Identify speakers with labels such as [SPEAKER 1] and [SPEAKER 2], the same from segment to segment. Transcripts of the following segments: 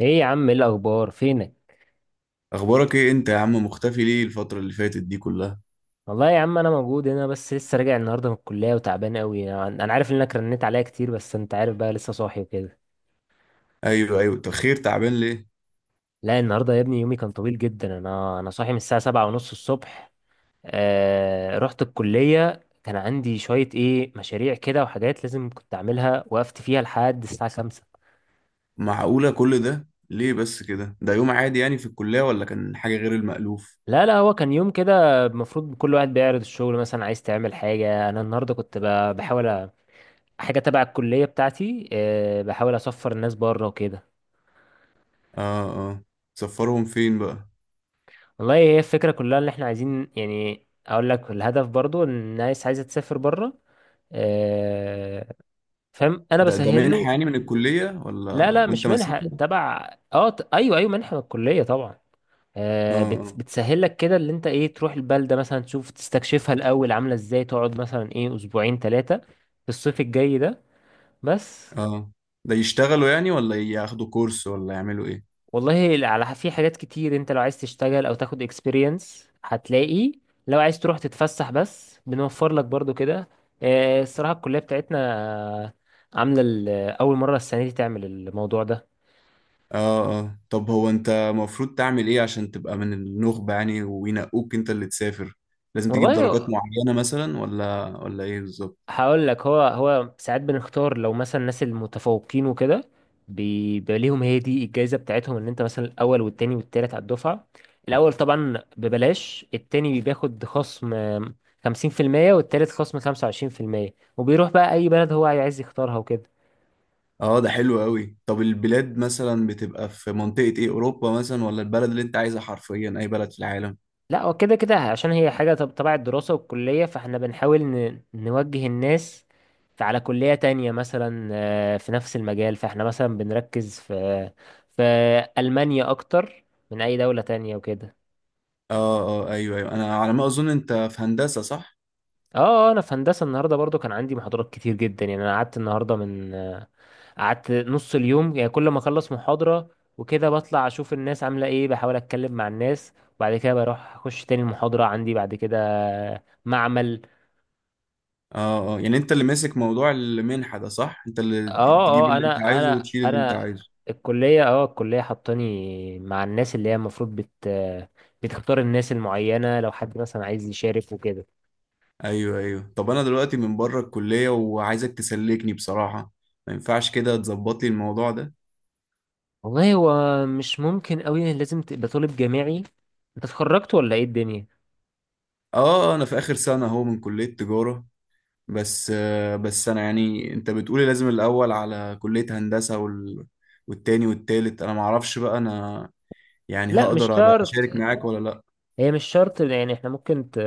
[SPEAKER 1] ايه يا عم، ايه الاخبار؟ فينك؟
[SPEAKER 2] اخبارك ايه انت يا عم؟ مختفي ليه الفترة اللي فاتت دي كلها؟
[SPEAKER 1] والله يا عم انا موجود هنا بس لسه راجع النهارده من الكليه وتعبان قوي. أنا عارف انك رنيت عليا كتير، بس انت عارف بقى، لسه صاحي وكده.
[SPEAKER 2] ايوه ايوه. طب خير، تعبان ليه؟
[SPEAKER 1] لا، النهارده يا ابني يومي كان طويل جدا. انا صاحي من الساعه 7:30 الصبح. رحت الكليه، كان عندي شويه مشاريع كده وحاجات لازم كنت اعملها، وقفت فيها لحد الساعه 5.
[SPEAKER 2] معقولة كل ده ليه بس كده؟ ده يوم عادي يعني في الكلية، ولا كان حاجة غير المألوف؟
[SPEAKER 1] لا، لا، هو كان يوم كده، المفروض كل واحد بيعرض الشغل، مثلا عايز تعمل حاجه. انا النهارده كنت بحاول حاجة تبع الكلية بتاعتي، بحاول أسفر الناس بره وكده.
[SPEAKER 2] اه اه. سفرهم فين بقى؟
[SPEAKER 1] والله هي الفكرة كلها اللي احنا عايزين، يعني أقول لك الهدف برضو إن الناس عايزة تسافر بره. آه، فاهم، أنا
[SPEAKER 2] ده ده
[SPEAKER 1] بسهل
[SPEAKER 2] منحة
[SPEAKER 1] له.
[SPEAKER 2] يعني من الكلية ولا؟
[SPEAKER 1] لا، لا،
[SPEAKER 2] وانت
[SPEAKER 1] مش منحة
[SPEAKER 2] ماسكها؟
[SPEAKER 1] تبع أيوه، أيوه، منحة من الكلية طبعا.
[SPEAKER 2] اه اه
[SPEAKER 1] بتسهل لك كده، اللي انت تروح البلدة مثلا تشوف تستكشفها الأول عاملة ازاي، تقعد مثلا أسبوعين ثلاثة في الصيف الجاي ده بس.
[SPEAKER 2] اه. ده يشتغلوا يعني ولا ياخدوا كورس ولا يعملوا ايه؟
[SPEAKER 1] والله في حاجات كتير، انت لو عايز تشتغل او تاخد experience هتلاقي. لو عايز تروح تتفسح بس، بنوفر لك برضو كده. الصراحة الكلية بتاعتنا، آه، عاملة اول مرة السنة دي تعمل الموضوع ده.
[SPEAKER 2] اه اه. طب هو انت المفروض تعمل ايه عشان تبقى من النخبة يعني وينقوك انت اللي تسافر؟ لازم تجيب درجات
[SPEAKER 1] والله
[SPEAKER 2] معينة مثلا ولا ايه بالظبط؟
[SPEAKER 1] هقول لك، هو ساعات بنختار لو مثلا الناس المتفوقين وكده، بيبقى ليهم، هي دي الجائزة بتاعتهم، ان انت مثلا الاول والتاني والتالت على الدفعة. الاول طبعا ببلاش، التاني بياخد خصم 50%، والتالت خصم 25%، وبيروح بقى اي بلد هو عايز يختارها وكده.
[SPEAKER 2] اه، ده حلو قوي. طب البلاد مثلا بتبقى في منطقة ايه، اوروبا مثلا، ولا البلد اللي انت عايزها حرفيا اي بلد في العالم؟
[SPEAKER 1] لا، هو كده كده عشان هي حاجة تبع الدراسة والكلية، فاحنا بنحاول نوجه الناس على كلية تانية مثلا، في نفس المجال. فاحنا مثلا بنركز في ألمانيا أكتر من أي دولة تانية وكده.
[SPEAKER 2] اه اه ايوه ايوه، انا على ما اظن انت في هندسة، صح؟
[SPEAKER 1] اه. أنا في هندسة. النهاردة برضو كان عندي محاضرات كتير جدا يعني. أنا قعدت النهاردة من آه، قعدت نص اليوم، يعني كل ما أخلص محاضرة وكده بطلع أشوف الناس عاملة إيه، بحاول أتكلم مع الناس، وبعد كده بروح أخش تاني المحاضرة عندي. بعد كده معمل.
[SPEAKER 2] اه اه. يعني انت اللي ماسك موضوع المنحة ده، صح؟ انت اللي
[SPEAKER 1] اه،
[SPEAKER 2] تجيب
[SPEAKER 1] اه،
[SPEAKER 2] اللي انت
[SPEAKER 1] انا
[SPEAKER 2] عايزه
[SPEAKER 1] انا
[SPEAKER 2] وتشيل اللي انت
[SPEAKER 1] انا
[SPEAKER 2] عايزه؟
[SPEAKER 1] الكليه حطاني مع الناس اللي هي المفروض بتختار الناس المعينه، لو حد مثلا عايز يشارك وكده.
[SPEAKER 2] ايوه ايوه. طب انا دلوقتي من بره الكلية وعايزك تسلكني بصراحة، ما ينفعش كده تظبط لي الموضوع ده؟
[SPEAKER 1] والله هو مش ممكن قوي، لازم تبقى طالب جامعي. انت اتخرجت ولا ايه الدنيا؟
[SPEAKER 2] اه اه. انا في اخر سنة اهو من كلية تجارة، بس بس انا يعني انت بتقولي لازم الاول على كلية هندسة والتاني والتالت، انا معرفش بقى، انا يعني
[SPEAKER 1] لا، مش
[SPEAKER 2] هقدر ابقى
[SPEAKER 1] شرط.
[SPEAKER 2] اشارك معاك ولا لا؟
[SPEAKER 1] هي مش شرط يعني، احنا ممكن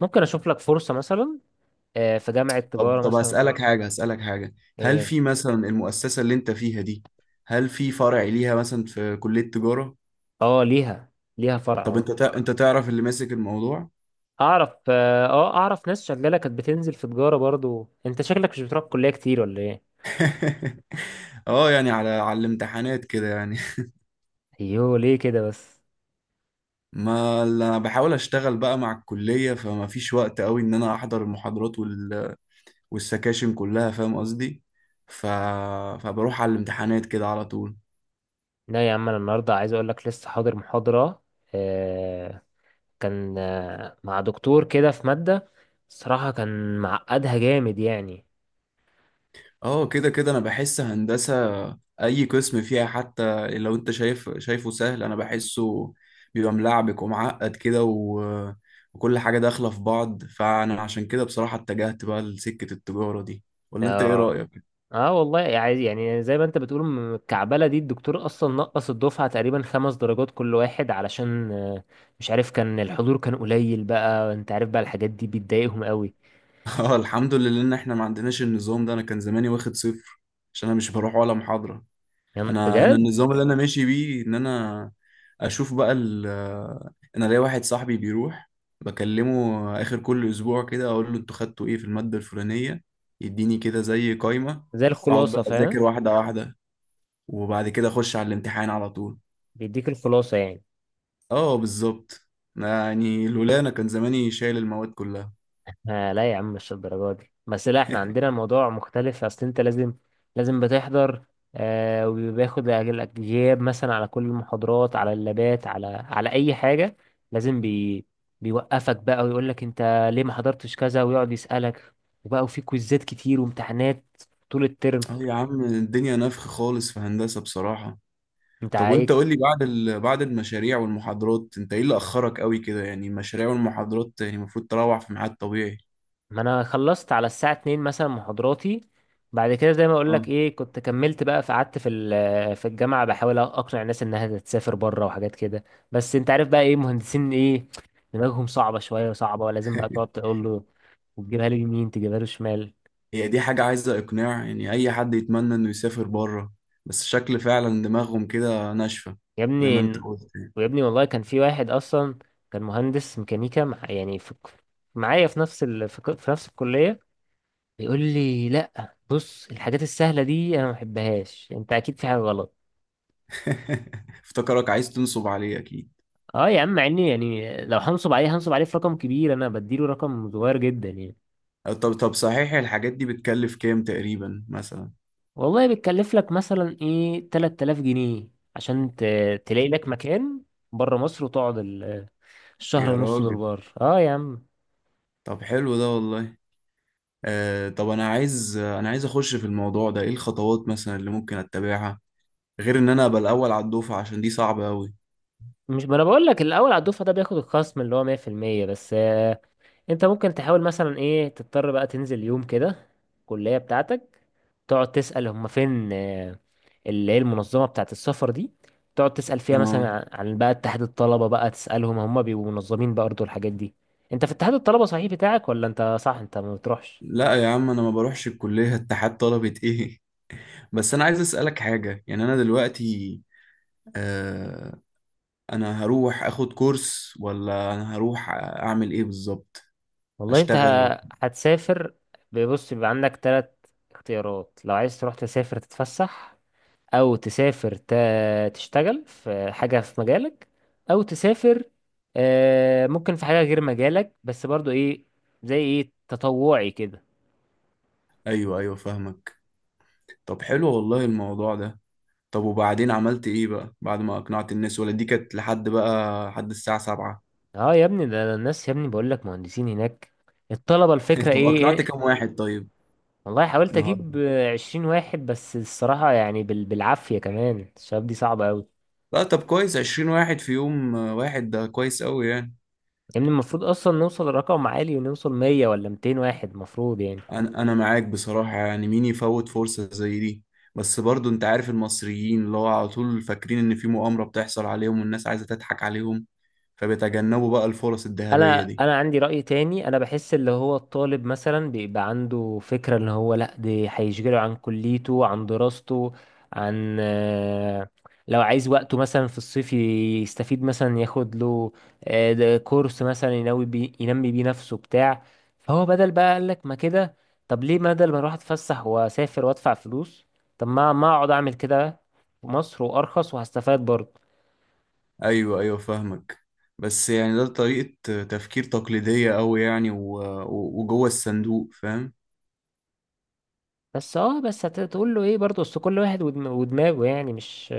[SPEAKER 1] ممكن اشوف لك فرصه مثلا، في جامعه
[SPEAKER 2] طب
[SPEAKER 1] تجاره
[SPEAKER 2] طب
[SPEAKER 1] مثلا وكده.
[SPEAKER 2] هسألك حاجة، هسألك حاجة، هل
[SPEAKER 1] ايه؟
[SPEAKER 2] في مثلا المؤسسة اللي انت فيها دي هل في فرع ليها مثلا في كلية تجارة؟
[SPEAKER 1] اه، ليها فرع.
[SPEAKER 2] طب
[SPEAKER 1] آه.
[SPEAKER 2] انت انت تعرف اللي ماسك الموضوع؟
[SPEAKER 1] اعرف، اعرف ناس شغاله كانت بتنزل في تجاره برضو. انت شكلك مش بتروح الكليه كتير ولا ايه؟
[SPEAKER 2] اه، يعني على على الامتحانات كده يعني.
[SPEAKER 1] ايوه، ليه كده بس؟
[SPEAKER 2] ما اللي انا بحاول اشتغل بقى مع الكلية، فما فيش وقت قوي ان انا احضر المحاضرات والسكاشن كلها، فاهم قصدي؟ ف... فبروح على الامتحانات كده على طول.
[SPEAKER 1] لا يا عم، انا النهارده عايز اقول لك لسه حاضر محاضره. آه كان مع دكتور كده في ماده. الصراحه كان معقدها جامد يعني.
[SPEAKER 2] اه كده كده، انا بحس هندسة اي قسم فيها، حتى لو انت شايفه سهل، انا بحسه بيبقى ملعبك ومعقد كده وكل حاجة داخلة في بعض، فانا عشان كده بصراحة اتجهت بقى لسكة التجارة دي. ولا انت ايه
[SPEAKER 1] اه،
[SPEAKER 2] رأيك؟
[SPEAKER 1] اه، والله يعني زي ما انت بتقول، الكعبله دي الدكتور اصلا نقص الدفعه تقريبا 5 درجات كل واحد، علشان مش عارف كان الحضور كان قليل بقى، انت عارف بقى الحاجات دي بتضايقهم قوي.
[SPEAKER 2] اه، الحمد لله ان احنا ما عندناش النظام ده، انا كان زماني واخد صفر عشان انا مش بروح ولا محاضرة.
[SPEAKER 1] يعني
[SPEAKER 2] انا
[SPEAKER 1] بجد؟
[SPEAKER 2] النظام اللي انا ماشي بيه ان انا اشوف بقى ال، انا ليا واحد صاحبي بيروح، بكلمه اخر كل اسبوع كده اقول له انتوا خدتوا ايه في المادة الفلانية، يديني كده زي قايمة،
[SPEAKER 1] زي
[SPEAKER 2] اقعد بقى
[SPEAKER 1] الخلاصة
[SPEAKER 2] اذاكر
[SPEAKER 1] فاهم.
[SPEAKER 2] واحدة واحدة، وبعد كده اخش على الامتحان على طول.
[SPEAKER 1] بيديك الخلاصة يعني.
[SPEAKER 2] اه بالظبط. يعني لولا انا كان زماني شايل المواد كلها.
[SPEAKER 1] لا يا عم، مش الدرجة دي بس. لا، احنا عندنا الموضوع مختلف، اصل انت لازم بتحضر. وبياخد غياب مثلا على كل المحاضرات، على اللابات، على اي حاجة. لازم بي بيوقفك بقى ويقول لك انت ليه ما حضرتش كذا، ويقعد يسألك وبقى، وفي كويزات كتير وامتحانات طول الترم.
[SPEAKER 2] اه يا عم، الدنيا نفخ خالص في هندسة بصراحة.
[SPEAKER 1] انت
[SPEAKER 2] طب وانت
[SPEAKER 1] ايه؟
[SPEAKER 2] قول لي، بعد بعد المشاريع والمحاضرات انت ايه اللي اخرك قوي كده يعني؟ المشاريع والمحاضرات يعني المفروض تروح في ميعاد طبيعي.
[SPEAKER 1] ما انا خلصت على الساعة 2 مثلا محاضراتي، بعد كده زي ما اقول
[SPEAKER 2] اه.
[SPEAKER 1] لك، كنت كملت بقى فقعدت في في الجامعة بحاول اقنع الناس انها تسافر بره وحاجات كده. بس انت عارف بقى، مهندسين دماغهم صعبة شوية صعبة، ولازم بقى تقعد تقول له، وتجيبها له يمين تجيبها له شمال.
[SPEAKER 2] هي دي حاجة عايزة اقناع؟ يعني اي حد يتمنى انه يسافر بره، بس شكل فعلا دماغهم كده ناشفة
[SPEAKER 1] يا
[SPEAKER 2] زي ما
[SPEAKER 1] ابني،
[SPEAKER 2] انت قلت يعني.
[SPEAKER 1] ويا ابني والله كان في واحد اصلا كان مهندس ميكانيكا، يعني في معايا في نفس في نفس الكلية. بيقول لي، لا بص الحاجات السهلة دي انا ما بحبهاش، انت اكيد في حاجة غلط.
[SPEAKER 2] افتكرك عايز تنصب عليه اكيد.
[SPEAKER 1] اه يا عم، مع اني يعني لو هنصب عليه، هنصب عليه في رقم كبير. انا بديله رقم صغير جدا يعني.
[SPEAKER 2] طب طب صحيح، الحاجات دي بتكلف كام تقريبا مثلا؟
[SPEAKER 1] والله بتكلف لك مثلا 3000 جنيه عشان تلاقي لك مكان بره مصر، وتقعد الشهر
[SPEAKER 2] يا
[SPEAKER 1] ونص دول
[SPEAKER 2] راجل،
[SPEAKER 1] بره. اه يا عم.
[SPEAKER 2] طب حلو ده والله. آه طب انا عايز، انا عايز اخش في الموضوع ده، ايه الخطوات مثلا اللي ممكن اتبعها غير ان انا ابقى الاول على الدفعه عشان دي صعبه قوي؟
[SPEAKER 1] مش، ما انا بقول لك الاول على الدفعه ده بياخد الخصم اللي هو 100% بس. انت ممكن تحاول مثلا تضطر بقى تنزل يوم كده الكلية بتاعتك، تقعد تسأل هما فين، اللي هي المنظمة بتاعت السفر دي، تقعد تسأل فيها
[SPEAKER 2] اه،
[SPEAKER 1] مثلا عن بقى اتحاد الطلبة بقى، تسألهم هما بيبقوا منظمين برضه الحاجات دي. انت في اتحاد الطلبة صحيح بتاعك؟ ولا انت، صح، انت ما بتروحش؟
[SPEAKER 2] لا يا عم انا ما بروحش الكليه. اتحاد طلبه ايه؟ بس انا عايز اسالك حاجه، يعني انا دلوقتي آه، انا هروح اخد كورس ولا انا هروح اعمل ايه بالظبط؟
[SPEAKER 1] والله انت
[SPEAKER 2] اشتغل ولا؟
[SPEAKER 1] هتسافر. بص، بيبقى عندك 3 اختيارات، لو عايز تروح تسافر تتفسح، او تسافر تشتغل في حاجة في مجالك، او تسافر، ممكن في حاجة غير مجالك بس برضو زي تطوعي كده.
[SPEAKER 2] ايوه ايوه فاهمك. طب حلو والله الموضوع ده. طب وبعدين عملت ايه بقى بعد ما اقنعت الناس، ولا دي كانت لحد بقى لحد الساعه 7؟
[SPEAKER 1] اه يا ابني، ده الناس يا ابني بقول لك، مهندسين هناك الطلبة. الفكرة
[SPEAKER 2] طب
[SPEAKER 1] ايه
[SPEAKER 2] اقنعت
[SPEAKER 1] إيه؟
[SPEAKER 2] كام واحد طيب
[SPEAKER 1] والله حاولت
[SPEAKER 2] النهارده؟
[SPEAKER 1] اجيب 20 واحد بس، الصراحة يعني بالعافية، كمان الشباب دي صعبة اوي.
[SPEAKER 2] لا طب كويس، 20 واحد في يوم واحد ده كويس قوي يعني.
[SPEAKER 1] يعني المفروض اصلا نوصل لرقم عالي، ونوصل 100 ولا 200 واحد، المفروض يعني.
[SPEAKER 2] انا انا معاك بصراحة، يعني مين يفوت فرصة زي دي؟ بس برضو انت عارف المصريين اللي هو على طول فاكرين ان في مؤامرة بتحصل عليهم والناس عايزة تضحك عليهم، فبيتجنبوا بقى الفرص الذهبية
[SPEAKER 1] انا
[SPEAKER 2] دي.
[SPEAKER 1] انا عندي رأي تاني. انا بحس اللي هو الطالب مثلا بيبقى عنده فكرة ان هو لا، دي هيشغله عن كليته عن دراسته عن آه، لو عايز وقته مثلا في الصيف يستفيد، مثلا ياخد له ده كورس مثلا ينوي بي ينمي بيه نفسه بتاع. فهو بدل بقى قال لك ما كده، طب ليه بدل ما اروح اتفسح واسافر وادفع فلوس، طب ما اقعد اعمل كده في مصر وارخص وهستفاد برضه.
[SPEAKER 2] ايوه ايوه فاهمك، بس يعني ده طريقة تفكير تقليدية أوي يعني، وجوه الصندوق، فاهم؟
[SPEAKER 1] بس هتقول له ايه برضه، اصل كل واحد ودماغه يعني، مش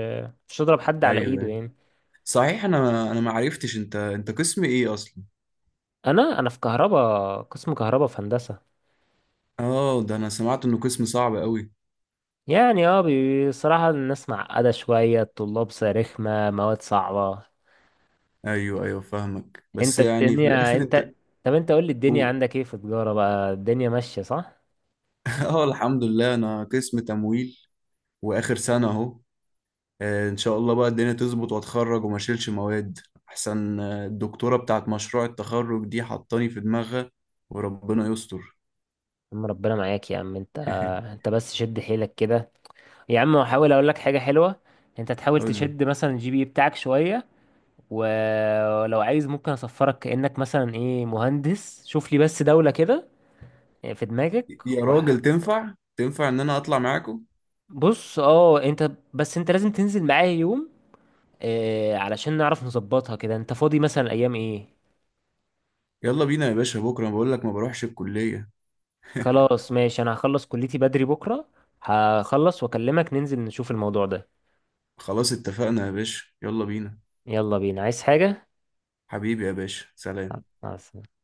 [SPEAKER 1] مش تضرب حد على
[SPEAKER 2] ايوه
[SPEAKER 1] ايده
[SPEAKER 2] أيوة.
[SPEAKER 1] يعني.
[SPEAKER 2] صحيح، انا انا ما عرفتش انت، انت قسم ايه اصلا؟
[SPEAKER 1] انا في كهربا، قسم كهربا في هندسه.
[SPEAKER 2] اه، ده انا سمعت انه قسم صعب أوي.
[SPEAKER 1] يعني اه، بصراحه الناس معقده شويه، الطلاب رخمه، مواد صعبه.
[SPEAKER 2] ايوه ايوه فاهمك، بس
[SPEAKER 1] انت
[SPEAKER 2] يعني في
[SPEAKER 1] الدنيا
[SPEAKER 2] الاخر انت
[SPEAKER 1] انت طب انت قول لي، الدنيا
[SPEAKER 2] قول.
[SPEAKER 1] عندك ايه في تجاره بقى، الدنيا ماشيه صح؟
[SPEAKER 2] اه الحمد لله، انا قسم تمويل واخر سنة اهو. ان شاء الله بقى الدنيا تظبط واتخرج وما اشيلش مواد، احسن الدكتورة بتاعت مشروع التخرج دي حطاني في دماغها وربنا يستر.
[SPEAKER 1] يا عم ربنا معاك يا عم. انت انت بس شد حيلك كده يا عم. حاول اقول لك حاجه حلوه، انت تحاول
[SPEAKER 2] قول لي.
[SPEAKER 1] تشد مثلا الجي بي بتاعك شويه، ولو عايز ممكن اسفرك كأنك مثلا مهندس. شوف لي بس دولة كده، في دماغك
[SPEAKER 2] يا راجل تنفع، تنفع ان انا اطلع معاكم؟
[SPEAKER 1] بص، اه، انت لازم تنزل معايا يوم، علشان نعرف نظبطها كده. انت فاضي مثلا ايام ايه؟
[SPEAKER 2] يلا بينا يا باشا، بكرة بقول لك ما بروحش الكلية.
[SPEAKER 1] خلاص ماشي، انا هخلص كليتي بدري بكرة. هخلص واكلمك، ننزل نشوف الموضوع ده.
[SPEAKER 2] خلاص اتفقنا يا باشا، يلا بينا.
[SPEAKER 1] يلا بينا، عايز حاجة؟
[SPEAKER 2] حبيبي يا باشا، سلام.
[SPEAKER 1] مع السلامة.